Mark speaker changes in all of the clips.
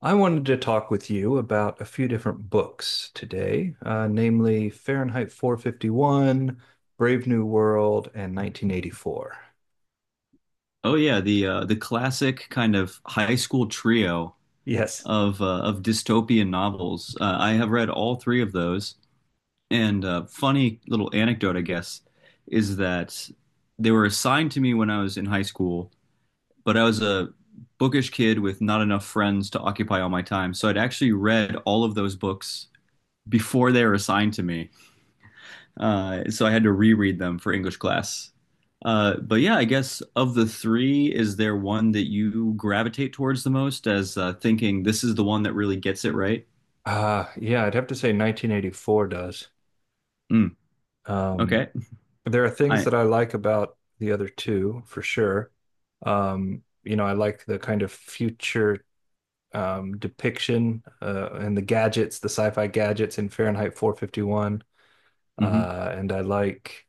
Speaker 1: I wanted to talk with you about a few different books today, namely Fahrenheit 451, Brave New World, and 1984.
Speaker 2: Oh yeah, the classic kind of high school trio
Speaker 1: Yes.
Speaker 2: of dystopian novels. I have read all three of those. And funny little anecdote, I guess, is that they were assigned to me when I was in high school, but I was a bookish kid with not enough friends to occupy all my time. So I'd actually read all of those books before they were assigned to me. So I had to reread them for English class. But yeah, I guess of the three, is there one that you gravitate towards the most as thinking this is the one that really gets it right?
Speaker 1: Yeah, I'd have to say 1984 does.
Speaker 2: Mm,
Speaker 1: Um,
Speaker 2: okay.
Speaker 1: there are things
Speaker 2: I
Speaker 1: that I like about the other two for sure. You know, I like the kind of future depiction and the gadgets, the sci-fi gadgets in Fahrenheit 451.
Speaker 2: Hmm.
Speaker 1: And I like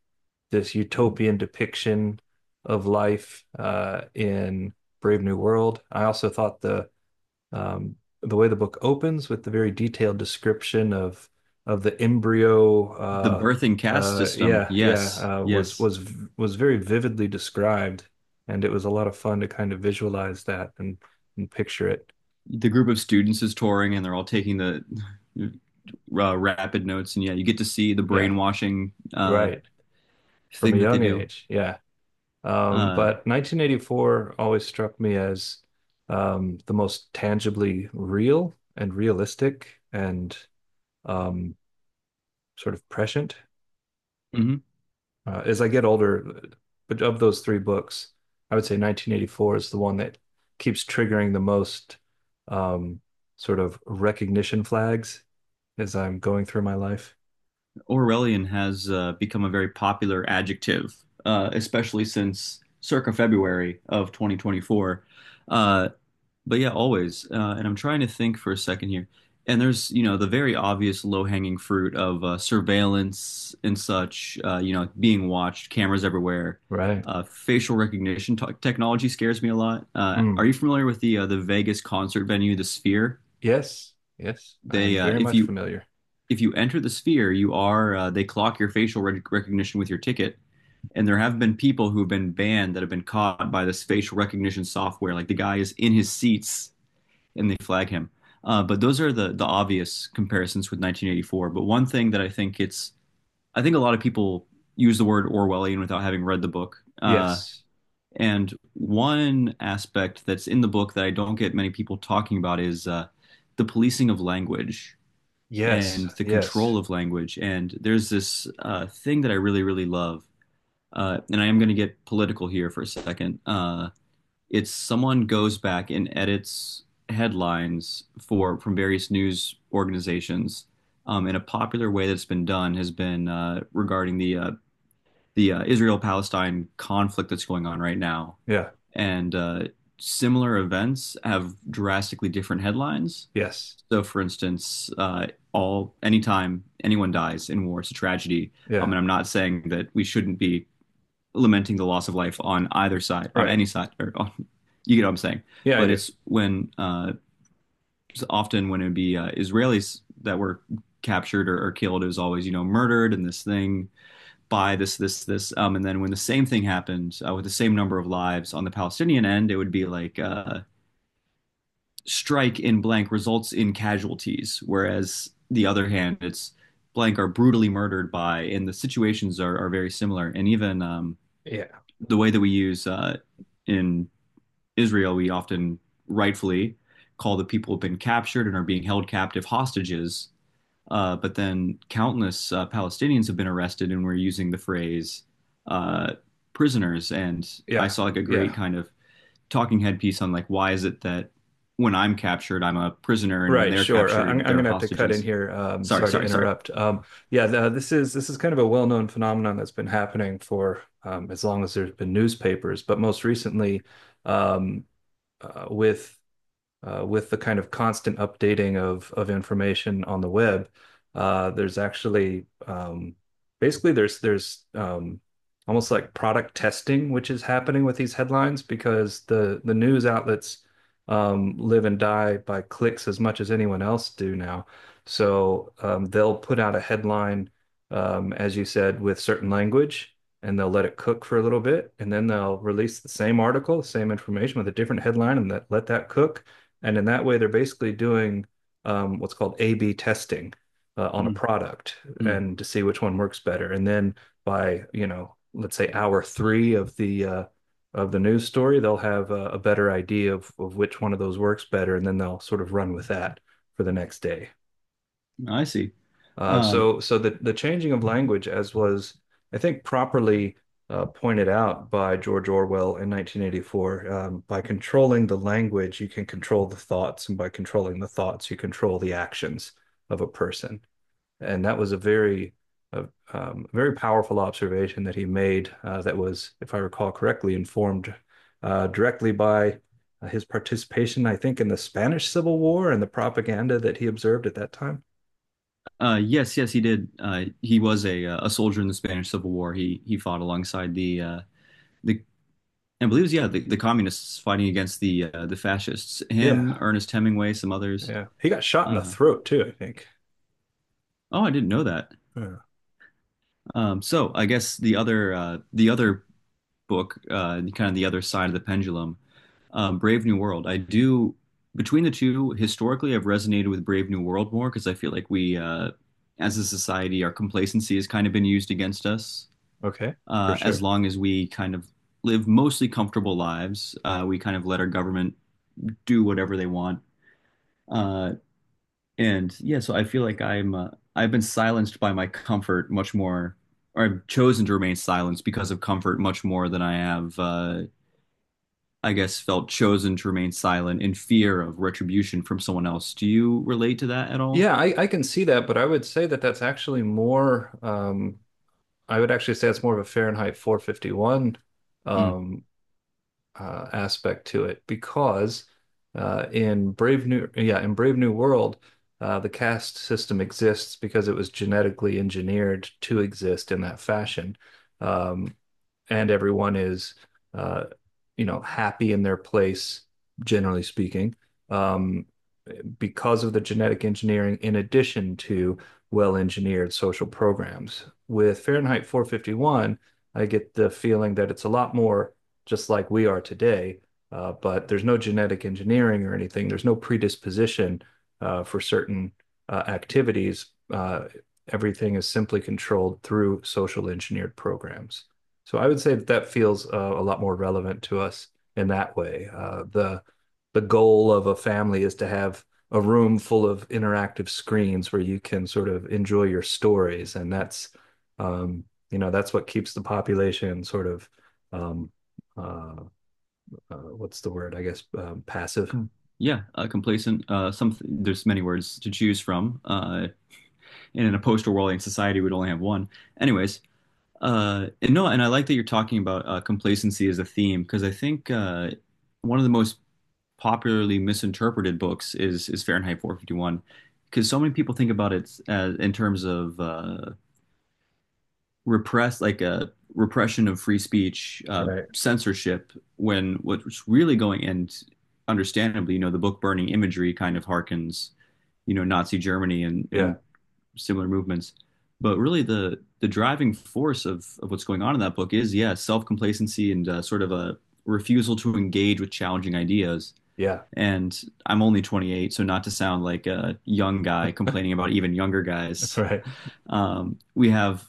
Speaker 1: this utopian depiction of life in Brave New World. I also thought um, the way the book opens with the very detailed description of the embryo,
Speaker 2: The birth and caste
Speaker 1: uh,
Speaker 2: system.
Speaker 1: yeah,
Speaker 2: Yes,
Speaker 1: yeah, uh, was
Speaker 2: yes.
Speaker 1: was was very vividly described, and it was a lot of fun to kind of visualize that and picture it.
Speaker 2: The group of students is touring and they're all taking the rapid notes, and yeah, you get to see the
Speaker 1: Yeah,
Speaker 2: brainwashing
Speaker 1: right. From a
Speaker 2: thing that they
Speaker 1: young
Speaker 2: do.
Speaker 1: age. Yeah. Um,
Speaker 2: Uh,
Speaker 1: but 1984 always struck me as the most tangibly real and realistic and um, sort of prescient.
Speaker 2: mhm.
Speaker 1: As I get older, but of those three books, I would say 1984 is the one that keeps triggering the most um, sort of recognition flags as I'm going through my life.
Speaker 2: Orwellian has become a very popular adjective, especially since circa February of 2024. Uh, but yeah, always. And I'm trying to think for a second here. And there's, the very obvious low-hanging fruit of surveillance and such, being watched, cameras everywhere.
Speaker 1: Right.
Speaker 2: Facial recognition technology scares me a lot.
Speaker 1: Mm.
Speaker 2: Are you familiar with the Vegas concert venue, the Sphere?
Speaker 1: Yes. Yes. I am
Speaker 2: They,
Speaker 1: very
Speaker 2: if
Speaker 1: much
Speaker 2: you
Speaker 1: familiar.
Speaker 2: if you enter the sphere, you are they clock your facial recognition with your ticket. And there have been people who have been banned that have been caught by this facial recognition software. Like the guy is in his seats and they flag him. But those are the obvious comparisons with 1984. But one thing that I think it's, I think a lot of people use the word Orwellian without having read the book. Uh,
Speaker 1: Yes.
Speaker 2: and one aspect that's in the book that I don't get many people talking about is the policing of language
Speaker 1: Yes.
Speaker 2: and the
Speaker 1: Yes.
Speaker 2: control of language. And there's this thing that I really, really love. And I am going to get political here for a second. It's someone goes back and edits headlines for from various news organizations. And a popular way that's been done has been regarding the Israel Palestine conflict that's going on right now
Speaker 1: Yeah.
Speaker 2: and similar events have drastically different headlines.
Speaker 1: Yes.
Speaker 2: So, for instance, all anytime anyone dies in war, it's a tragedy. Um,
Speaker 1: Yeah.
Speaker 2: and I'm not saying that we shouldn't be lamenting the loss of life on either side, on
Speaker 1: Right.
Speaker 2: any side, or on, you get what I'm saying.
Speaker 1: Yeah, I
Speaker 2: But
Speaker 1: do.
Speaker 2: it's when it's often when it'd be Israelis that were captured or killed, it was always murdered and this thing by this. And then when the same thing happened with the same number of lives on the Palestinian end, it would be like strike in blank results in casualties. Whereas the other hand, it's blank are brutally murdered by, and the situations are very similar. And even
Speaker 1: Yeah.
Speaker 2: the way that we use in Israel, we often rightfully call the people who've been captured and are being held captive hostages, but then countless Palestinians have been arrested and were using the phrase uh, prisoners. And I
Speaker 1: Yeah.
Speaker 2: saw like a
Speaker 1: Yeah.
Speaker 2: great kind of talking head piece on like, why is it that when I'm captured, I'm a prisoner, and when
Speaker 1: Right.
Speaker 2: they're
Speaker 1: Sure. Uh, I'm
Speaker 2: captured,
Speaker 1: I'm
Speaker 2: they're
Speaker 1: gonna have to cut in
Speaker 2: hostages?
Speaker 1: here.
Speaker 2: Sorry,
Speaker 1: Sorry to
Speaker 2: sorry, sorry.
Speaker 1: interrupt. Yeah. The, this is kind of a well-known phenomenon that's been happening for as long as there's been newspapers, but most recently, um, uh, with with the kind of constant updating of information on the web, there's actually basically there's almost like product testing which is happening with these headlines because the news outlets live and die by clicks as much as anyone else do now. So they'll put out a headline, as you said, with certain language. And they'll let it cook for a little bit, and then they'll release the same article, the same information with a different headline, and let that cook, and in that way, they're basically doing what's called A/B testing on a product
Speaker 2: Mm-hmm.
Speaker 1: and to see which one works better. And then by, you know, let's say hour three of the news story, they'll have a better idea of which one of those works better, and then they'll sort of run with that for the next day.
Speaker 2: I see.
Speaker 1: Uh,
Speaker 2: Um,
Speaker 1: so, so the changing of language, as was I think properly pointed out by George Orwell in 1984, by controlling the language, you can control the thoughts, and by controlling the thoughts, you control the actions of a person. And that was a very powerful observation that he made that was, if I recall correctly, informed directly by his participation, I think, in the Spanish Civil War and the propaganda that he observed at that time.
Speaker 2: yes, yes, he did. He was a soldier in the Spanish Civil War. He fought alongside the, I believe it was, yeah, the communists fighting against the fascists.
Speaker 1: Yeah,
Speaker 2: Him, Ernest Hemingway, some others.
Speaker 1: yeah. He got shot in the
Speaker 2: Uh,
Speaker 1: throat too, I think.
Speaker 2: Oh, I didn't know that.
Speaker 1: Yeah.
Speaker 2: So I guess the other book, kind of the other side of the pendulum, Brave New World. I do Between the two, historically, I've resonated with Brave New World more because I feel like we, as a society, our complacency has kind of been used against us.
Speaker 1: Okay, for
Speaker 2: As
Speaker 1: sure.
Speaker 2: long as we kind of live mostly comfortable lives, we kind of let our government do whatever they want. Uh, And yeah, so I feel like I'm I've been silenced by my comfort much more, or I've chosen to remain silenced because of comfort much more than I have, I guess, felt chosen to remain silent in fear of retribution from someone else. Do you relate to that at all?
Speaker 1: Yeah, I can see that, but I would say that that's actually more, I would actually say it's more of a Fahrenheit 451
Speaker 2: Mm.
Speaker 1: um, aspect to it because in Brave New World, the caste system exists because it was genetically engineered to exist in that fashion. Um, and everyone is uh, you know, happy in their place, generally speaking, um, because of the genetic engineering, in addition to well-engineered social programs. With Fahrenheit 451, I get the feeling that it's a lot more just like we are today, but there's no genetic engineering or anything. There's no predisposition for certain activities. Everything is simply controlled through social engineered programs. So I would say that that feels a lot more relevant to us in that way. The goal of a family is to have a room full of interactive screens where you can sort of enjoy your stories, and that's um, you know, that's what keeps the population sort of um, uh, what's the word? I guess passive.
Speaker 2: Com- Yeah, complacent. Some There's many words to choose from. And in a post-Orwellian society, we'd only have one. Anyways, and no, and I like that you're talking about complacency as a theme because I think one of the most popularly misinterpreted books is Fahrenheit 451 because so many people think about it as in terms of repress like a repression of free speech,
Speaker 1: Right.
Speaker 2: censorship. When what's really going and understandably, the book burning imagery kind of harkens Nazi Germany and
Speaker 1: Yeah.
Speaker 2: and similar movements. But really, the driving force of what's going on in that book is yeah, self complacency and sort of a refusal to engage with challenging ideas.
Speaker 1: Yeah.
Speaker 2: And I'm only 28, so not to sound like a young guy complaining about even younger guys,
Speaker 1: Right.
Speaker 2: we have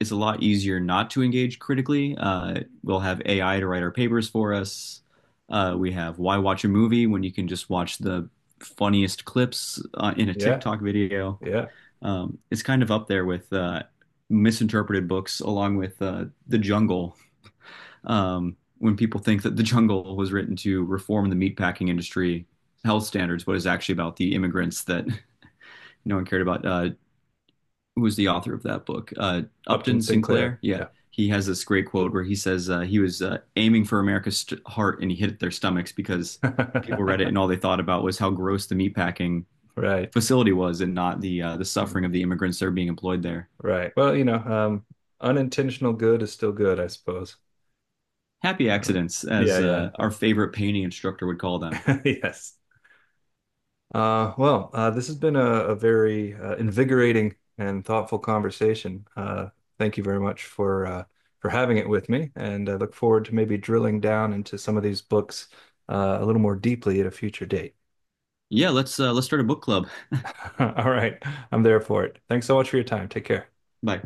Speaker 2: it's a lot easier not to engage critically. We'll have AI to write our papers for us. We have Why watch a movie when you can just watch the funniest clips in a
Speaker 1: Yeah.
Speaker 2: TikTok video.
Speaker 1: Yeah.
Speaker 2: It's kind of up there with misinterpreted books, along with The Jungle, when people think that The Jungle was written to reform the meatpacking industry health standards, but is actually about the immigrants that no one cared about. Who was the author of that book?
Speaker 1: Upton
Speaker 2: Upton
Speaker 1: Sinclair.
Speaker 2: Sinclair? Yeah.
Speaker 1: Yeah.
Speaker 2: He has this great quote where he says he was aiming for America's heart and he hit their stomachs because people read it and all they thought about was how gross the meatpacking
Speaker 1: Right.
Speaker 2: facility was and not the suffering
Speaker 1: Okay.
Speaker 2: of the immigrants that are being employed there.
Speaker 1: Right. Well, you know, unintentional good is still good, I suppose.
Speaker 2: Happy
Speaker 1: Um,
Speaker 2: accidents,
Speaker 1: yeah,
Speaker 2: as
Speaker 1: yeah.
Speaker 2: our favorite painting instructor would call them.
Speaker 1: Yes. Well, this has been a very invigorating and thoughtful conversation. Thank you very much for having it with me, and I look forward to maybe drilling down into some of these books a little more deeply at a future date.
Speaker 2: Yeah, let's start a book club.
Speaker 1: All right, I'm there for it. Thanks so much for your time. Take care.
Speaker 2: Bye.